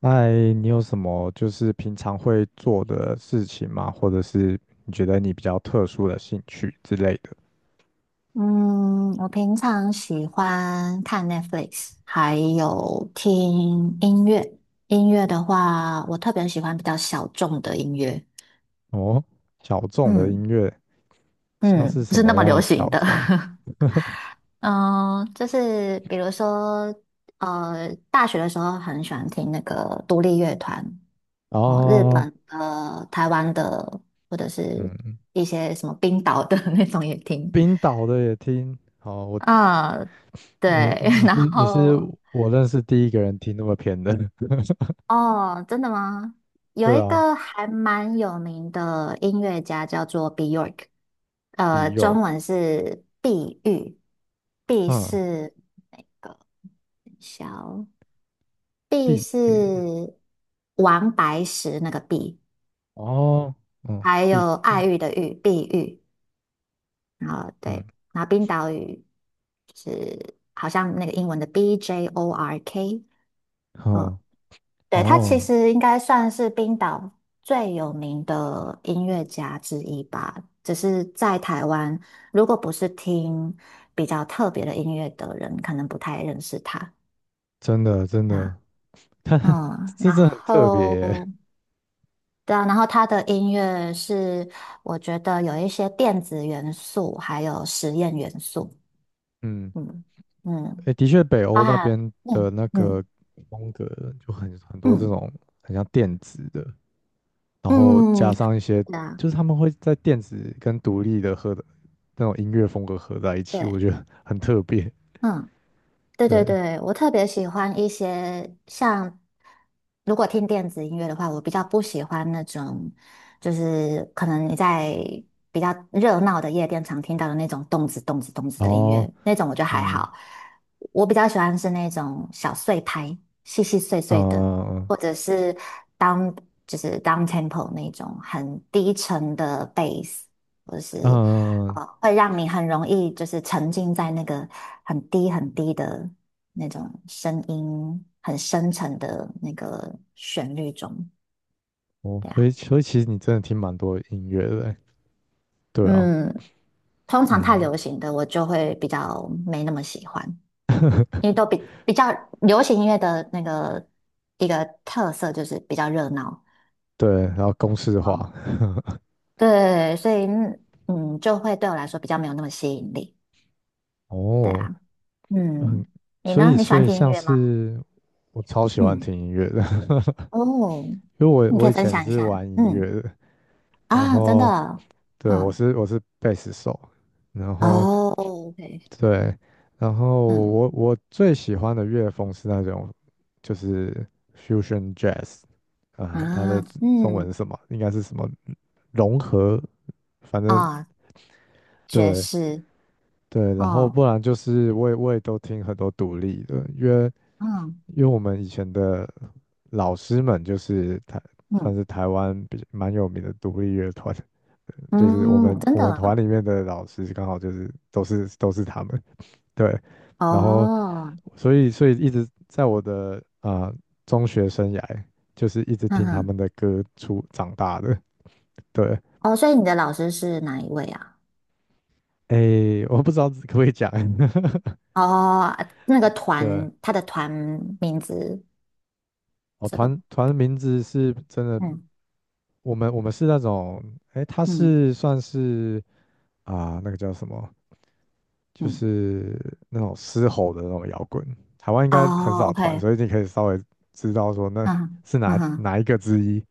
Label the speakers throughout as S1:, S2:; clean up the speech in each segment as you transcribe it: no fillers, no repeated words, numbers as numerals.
S1: 嗨，你有什么就是平常会做的事情吗？或者是你觉得你比较特殊的兴趣之类的？
S2: 嗯，我平常喜欢看 Netflix，还有听音乐。音乐的话，我特别喜欢比较小众的音乐，
S1: 哦，小众的音
S2: 嗯
S1: 乐，像
S2: 嗯，
S1: 是
S2: 不
S1: 什
S2: 是那
S1: 么
S2: 么
S1: 样
S2: 流
S1: 的
S2: 行
S1: 小
S2: 的。
S1: 众的
S2: 嗯，就是比如说，大学的时候很喜欢听那个独立乐团，哦，日
S1: 哦，
S2: 本的、台湾的，或者是
S1: 嗯，
S2: 一些什么冰岛的 那种也听。
S1: 冰岛的也听。哦，我
S2: 嗯，对，
S1: 你 你
S2: 然
S1: 是你是
S2: 后
S1: 我认识第一个人听那么偏的，
S2: 哦，真的吗？有
S1: 对
S2: 一
S1: 啊
S2: 个还蛮有名的音乐家叫做 Bjork，中
S1: ，Bjork，
S2: 文是碧玉，碧
S1: 嗯，
S2: 是那个小，碧
S1: 碧
S2: 是
S1: 玉，
S2: 王白石那个碧，
S1: 哦，嗯，
S2: 还
S1: 碧
S2: 有爱
S1: 玉，
S2: 玉的玉，碧玉。然后
S1: 嗯，
S2: 对，然后冰岛语就是好像那个英文的 Bjork，哦
S1: 好，
S2: 对，他其
S1: 哦，
S2: 实应该算是冰岛最有名的音乐家之一吧。只是在台湾，如果不是听比较特别的音乐的人，可能不太认识他
S1: 真的。
S2: 啊。
S1: 它
S2: 嗯，
S1: 这
S2: 然
S1: 真的很特别
S2: 后
S1: 耶
S2: 对啊，然后他的音乐是我觉得有一些电子元素，还有实验元素。
S1: 嗯，
S2: 嗯嗯，
S1: 诶，的确，北
S2: 包
S1: 欧那
S2: 含
S1: 边的
S2: 嗯
S1: 那
S2: 嗯
S1: 个风格就很多这
S2: 嗯
S1: 种很像电子的，然后
S2: 嗯，
S1: 加上一些，
S2: 对啊，
S1: 就是他们会在电子跟独立的和的那种音乐风格合在一起，
S2: 对，
S1: 我觉得很特别。
S2: 嗯对对
S1: 对，
S2: 对，我特别喜欢一些像，如果听电子音乐的话，我比较不喜欢那种，就是可能你在比较热闹的夜店常听到的那种动子动子动子
S1: 然
S2: 的音
S1: 后，
S2: 乐，那种我觉得还
S1: 嗯，
S2: 好。我比较喜欢是那种小碎拍，细细碎碎的，
S1: 呃，
S2: 或者是 down 就是 down tempo 那种很低沉的 bass，或者是
S1: 嗯，
S2: 哦，会让你很容易就是沉浸在那个很低很低的那种声音，很深沉的那个旋律中。
S1: 哦，
S2: 对
S1: 所以，
S2: 啊，
S1: 所以其实你真的听蛮多音乐的耶，对啊，
S2: 嗯，通常太
S1: 嗯，
S2: 流行的我就会比较没那么喜欢，因为都比较流行音乐的一个特色就是比较热闹，
S1: 对，然后公式化，
S2: 嗯，对，所以就会对我来说比较没有那么吸引力。对
S1: 哦，
S2: 啊，
S1: 很
S2: 嗯，你
S1: 所
S2: 呢？
S1: 以，
S2: 你喜
S1: 所
S2: 欢
S1: 以
S2: 听音
S1: 像
S2: 乐吗？
S1: 是我超喜欢
S2: 嗯。
S1: 听音乐的，
S2: 哦，
S1: 因为我
S2: 你可
S1: 我
S2: 以
S1: 以
S2: 分
S1: 前
S2: 享一
S1: 是
S2: 下，
S1: 玩音乐
S2: 嗯
S1: 的，然
S2: 啊，真
S1: 后
S2: 的，
S1: 对我
S2: 嗯，
S1: 是我是贝斯手，然后
S2: 哦，OK，
S1: 对，然后
S2: 嗯
S1: 我最喜欢的乐风是那种就是 fusion jazz 啊，它
S2: 啊，
S1: 的中文是
S2: 嗯
S1: 什么？应该是什么融合，反正
S2: 啊，爵
S1: 对，
S2: 士，
S1: 对，然后
S2: 哦，
S1: 不然就是我也都听很多独立的，因为
S2: 嗯
S1: 因为我们以前的老师们就是算
S2: 嗯
S1: 是台湾比蛮有名的独立乐团，就是我
S2: 嗯，
S1: 们
S2: 真
S1: 我
S2: 的
S1: 们团
S2: 啊
S1: 里面的老师刚好就是都是他们，对，然后
S2: 哦，
S1: 所以所以一直在我的中学生涯就是一直
S2: 嗯
S1: 听他
S2: 哼，
S1: 们的歌出长大的，对，
S2: 哦，所以你的老师是哪一位啊？
S1: 诶，我不知道可不可以讲，
S2: 哦，那个
S1: 对。
S2: 团，他的团名字，
S1: 哦，
S2: 这个，
S1: 团名字是真的
S2: 嗯
S1: 我们是那种，哎，他
S2: 嗯
S1: 是算是那个叫什么，就
S2: 嗯，
S1: 是那种嘶吼的那种摇滚。台湾应该很
S2: 哦
S1: 少团，
S2: ，OK，
S1: 所以你可以稍微知道说那
S2: 嗯哼
S1: 是哪
S2: 嗯哼，
S1: 哪一个之一，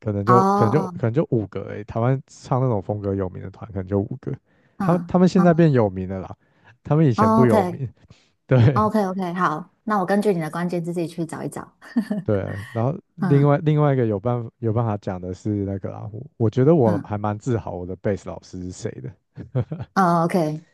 S1: 可能就可能就
S2: 哦，
S1: 可能就五个台湾唱那种风格有名的团，可能就五个。他们他
S2: 嗯。
S1: 们现在
S2: 嗯
S1: 变有名了啦，他们以前不
S2: o
S1: 有
S2: k
S1: 名。对
S2: OK OK，好，那我根据你的关键字自己去找一找。
S1: 对，然后另
S2: 嗯
S1: 外另外一个有办法讲的是那个啦，我觉得我
S2: 嗯，
S1: 还蛮自豪我的贝斯老师是谁的。
S2: 哦 OK，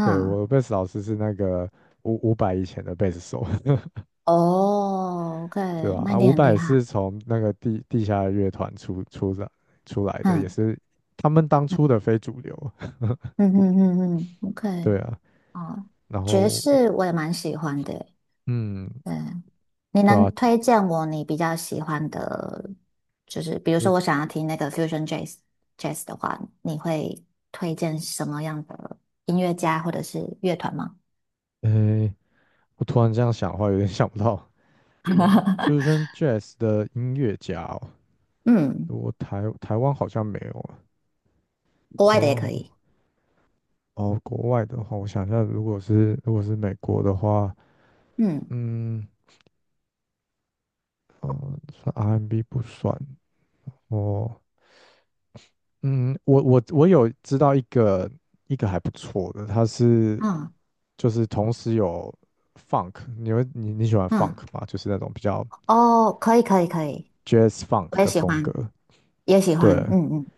S1: 对，我的贝斯老师是那个五百以前的贝斯手，
S2: 哦 OK，
S1: 对吧？
S2: 那
S1: 啊，
S2: 一定
S1: 五
S2: 很厉
S1: 百
S2: 害。
S1: 是从那个地下乐团出来出来的，也
S2: 嗯
S1: 是他们当初的非主流，
S2: 嗯嗯嗯嗯，OK，
S1: 对啊。
S2: 哦，
S1: 然
S2: 爵
S1: 后，
S2: 士我也蛮喜欢的耶。
S1: 嗯，
S2: 对，你
S1: 对
S2: 能
S1: 啊，
S2: 推荐我你比较喜欢的，就是比如说
S1: 就
S2: 我想要听那个 Fusion Jazz 的话，你会推荐什么样的音乐家或者是乐团吗？
S1: 诶，我突然这样想的话，有点想不到，对，Fusion Jazz 的音乐家哦，
S2: 嗯，
S1: 我台湾好像没有啊，
S2: 国
S1: 台
S2: 外的也
S1: 湾
S2: 可
S1: 好
S2: 以。
S1: 哦，国外的话，我想一下，如果是美国的话，
S2: 嗯
S1: 嗯，哦，算 R&B 不算。哦，嗯，我有知道一个还不错的，他是
S2: 嗯
S1: 就是同时有 funk，你你喜欢 funk
S2: 嗯。
S1: 吗？就是那种比较
S2: 哦，可以可以可以，
S1: jazz funk
S2: 我也
S1: 的
S2: 喜
S1: 风格，
S2: 欢，也喜
S1: 对，
S2: 欢，嗯嗯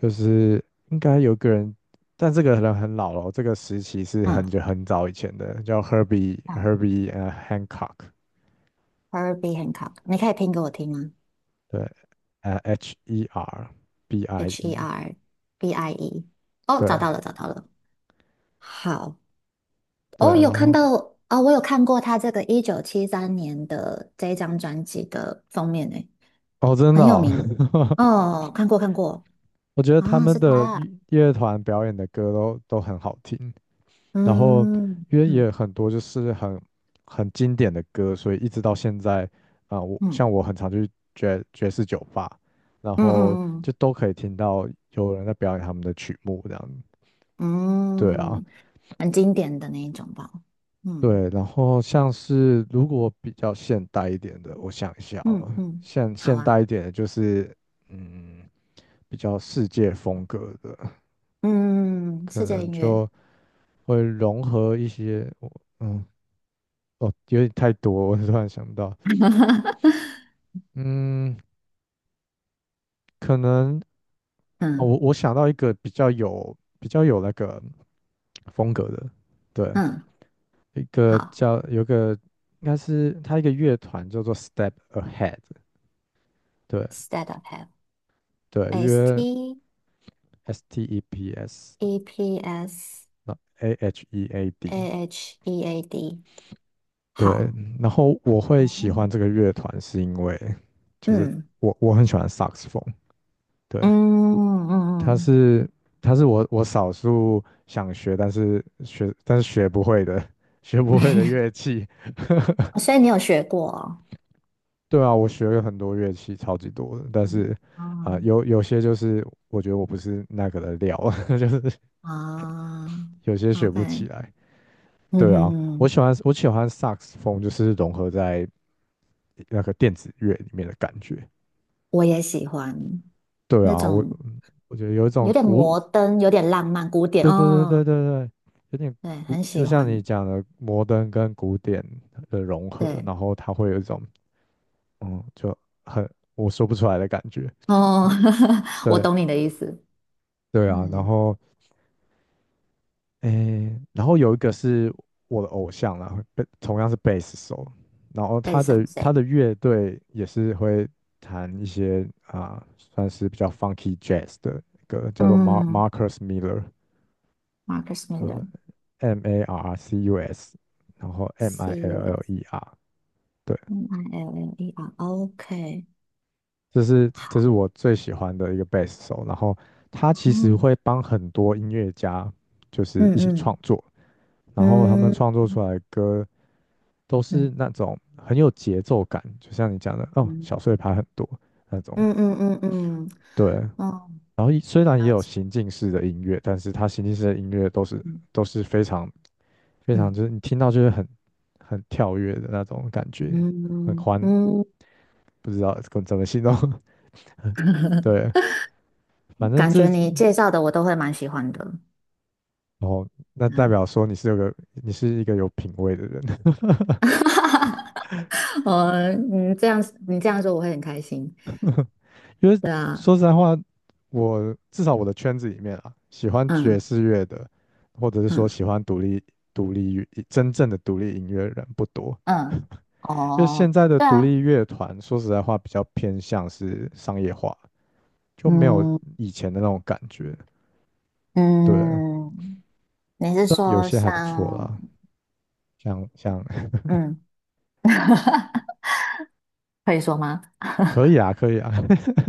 S1: 就是应该有个人，但这个人很老了，这个时期是很
S2: 嗯，
S1: 久很早以前的，叫 Herbie
S2: 哦
S1: Herbie 呃 Hancock，
S2: ，Herbie Hancock，你可以拼给我听吗
S1: 对，呃 H E R B I
S2: ？H E
S1: E，
S2: R B I E，哦，找
S1: 对
S2: 到了找到了，好，
S1: 对，
S2: 哦，有
S1: 然
S2: 看
S1: 后
S2: 到啊、我有看过他这个1973年的这一张专辑的封面诶，
S1: 哦真的
S2: 很有
S1: 哦
S2: 名，哦，看过看过，
S1: 我觉得他
S2: 啊，是
S1: 们的
S2: 他，
S1: 乐团表演的歌都很好听，然后
S2: 嗯
S1: 因为也
S2: 嗯
S1: 很多就是很很经典的歌，所以一直到现在我
S2: 嗯
S1: 像我很常去爵士酒吧，然
S2: 嗯嗯
S1: 后就
S2: 嗯
S1: 都可以听到有人在表演他们的曲目这样。对啊，
S2: 嗯，很经典的那一种吧，嗯。
S1: 对，然后像是如果比较现代一点的，我想一下哦，
S2: 嗯嗯，好
S1: 现
S2: 啊，
S1: 代一点的就是嗯比较世界风格的。
S2: 嗯，
S1: 可
S2: 世界
S1: 能
S2: 音乐，
S1: 就会融合一些，我嗯，哦，有点太多，我突然想到，嗯，可能哦，
S2: 嗯
S1: 我想到一个比较有比较有那个风格的，对，
S2: 嗯，
S1: 一个
S2: 好
S1: 叫有个应该是它一个乐团叫做 Step Ahead，对
S2: ，State of h e a l t
S1: 对，
S2: S
S1: 约
S2: T
S1: S T E P S
S2: E P S
S1: 那 A H E A D，
S2: A H E A D，
S1: 对，
S2: 好，
S1: 然后我会喜
S2: 哦，
S1: 欢这个乐团是因为就是
S2: 嗯
S1: 我很喜欢萨克斯风，对，
S2: 嗯嗯
S1: 它
S2: 嗯，
S1: 是它是我少数想学，但是学不会的 学不会的
S2: 嗯
S1: 乐器。
S2: 所以你有学过哦，
S1: 对啊，我学了很多乐器，超级多的，但
S2: 嗯
S1: 是
S2: 哦
S1: 有些就是我觉得我不是那个的料，就是
S2: 啊
S1: 有些学不起
S2: ，OK，
S1: 来。
S2: 嗯
S1: 对
S2: 哼
S1: 啊，我
S2: 哼，
S1: 喜欢我喜欢萨克斯风，就是融合在那个电子乐里面的感觉。
S2: 我也喜欢
S1: 对
S2: 那
S1: 啊，我
S2: 种
S1: 嗯我觉得有一
S2: 有
S1: 种
S2: 点
S1: 古
S2: 摩登、有点浪漫、古典，
S1: 对对
S2: 哦，
S1: 对对对对，有点
S2: 对，
S1: 古，
S2: 很
S1: 就
S2: 喜
S1: 像
S2: 欢，
S1: 你讲的摩登跟古典的融合，
S2: 对。
S1: 然后它会有一种嗯，就很我说不出来的感觉。
S2: 哦，
S1: 嗯
S2: 我
S1: 对
S2: 懂你的意思。
S1: 对啊，然
S2: 嗯，
S1: 后诶，然后有一个是我的偶像啦，同样是贝斯手，然后
S2: 背
S1: 他
S2: 上
S1: 的他
S2: 谁？
S1: 的乐队也是会弹一些算是比较 funky jazz 的歌，叫做
S2: 嗯
S1: Marcus Miller。
S2: ，Marcus Miller，C
S1: M A R R C U S，然后
S2: U
S1: M I L L
S2: S
S1: E R，对，
S2: Miller，OK。
S1: 这是我最喜欢的一个贝斯手。然后他其实
S2: 嗯
S1: 会帮很多音乐家就是
S2: 嗯
S1: 一起创
S2: 嗯
S1: 作，然后他们
S2: 嗯
S1: 创作出来的歌都是
S2: 嗯，
S1: 那种很有节奏感，就像你讲的哦，小碎
S2: 嗯
S1: 拍很多那种。
S2: 嗯嗯嗯嗯，
S1: 对，
S2: 哦
S1: 然后虽然也有行进式的音乐，但是它行进式的音乐
S2: 嗯
S1: 都是非常
S2: 嗯
S1: 就是你听到就是很很跳跃的那种感觉，很
S2: 嗯
S1: 欢
S2: 嗯，
S1: 不知道怎么形容。对，反正
S2: 感
S1: 这
S2: 觉你介绍的我都会蛮喜欢的。
S1: 哦，那代
S2: 嗯，
S1: 表说你是一个有品味的人，
S2: 我嗯这样你这样说我会很开心。
S1: 因为
S2: 对啊，
S1: 说实在话，我至少我的圈子里面啊，喜欢爵
S2: 嗯
S1: 士乐的，或者是说
S2: 嗯
S1: 喜欢独立乐真正的独立音乐的人不多，
S2: 嗯，
S1: 因为现
S2: 哦，
S1: 在的
S2: 对
S1: 独
S2: 啊，
S1: 立乐团说实在话比较偏向是商业化，就没有
S2: 嗯。
S1: 以前的那种感觉。对，
S2: 嗯，你是
S1: 虽然有
S2: 说
S1: 些还不错
S2: 像，
S1: 啦，像像
S2: 嗯，可以说吗？
S1: 可以啊，可以啊。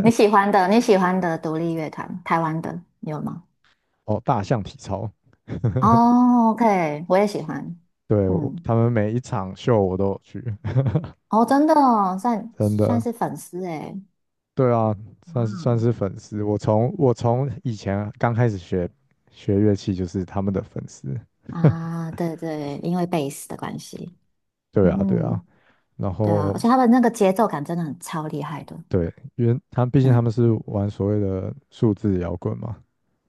S2: 你喜欢的独立乐团，台湾的你有吗？
S1: 哦，大象体操，
S2: 哦，OK，我也喜欢。
S1: 对，我
S2: 嗯，
S1: 他们每一场秀我都有去，
S2: 哦，真的哦，算
S1: 真
S2: 算
S1: 的，
S2: 是粉丝诶。
S1: 对啊，算是算
S2: 嗯
S1: 是粉丝。我从以前刚开始学乐器就是他们的粉丝，
S2: 啊，对对，因为贝斯的关系。
S1: 对啊。
S2: 嗯，
S1: 然
S2: 对啊，
S1: 后
S2: 而且他们那个节奏感真的很超厉害的。
S1: 对，因为他们毕竟他
S2: 嗯
S1: 们是玩所谓的数字摇滚嘛，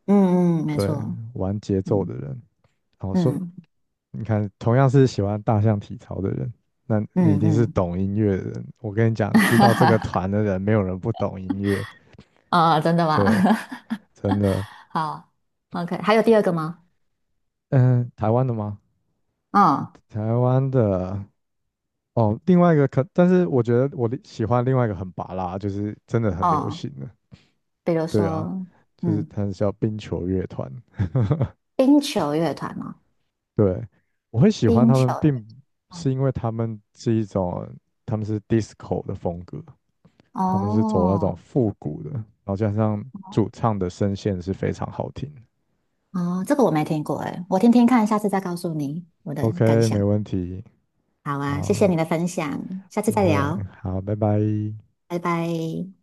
S2: 嗯嗯，没
S1: 对，
S2: 错。
S1: 玩节奏的
S2: 嗯
S1: 人。然后说，
S2: 嗯
S1: 你看，同样是喜欢大象体操的人，那你一
S2: 嗯嗯，
S1: 定是
S2: 嗯
S1: 懂音乐的人。我跟你讲，知道这个团的人，没有人不懂音乐，
S2: 啊，真的吗？
S1: 对，真的。
S2: 好，OK，还有第二个吗？
S1: 嗯，台湾的吗？
S2: 嗯
S1: 台湾的哦，另外一个可，但是我觉得我的喜欢另外一个很拔辣，就是真的很流
S2: 哦，
S1: 行的，
S2: 比如
S1: 对啊，
S2: 说，
S1: 就是
S2: 嗯，
S1: 它是叫冰球乐团，
S2: 冰球乐团哦，
S1: 对，我会喜欢
S2: 冰
S1: 他
S2: 球
S1: 们，
S2: 乐
S1: 并不是
S2: 团，
S1: 因为他们是一种，他们是 disco 的风格，他们是走那种
S2: 哦
S1: 复古的，然后加上主唱的声线是非常好听的。
S2: 哦，哦这个我没听过诶，我听听看，下次再告诉你我的感
S1: OK，没
S2: 想。
S1: 问题，
S2: 好啊，谢
S1: 好，
S2: 谢你的分享，下次
S1: 不
S2: 再
S1: 会，
S2: 聊，
S1: 好，拜拜。
S2: 拜拜。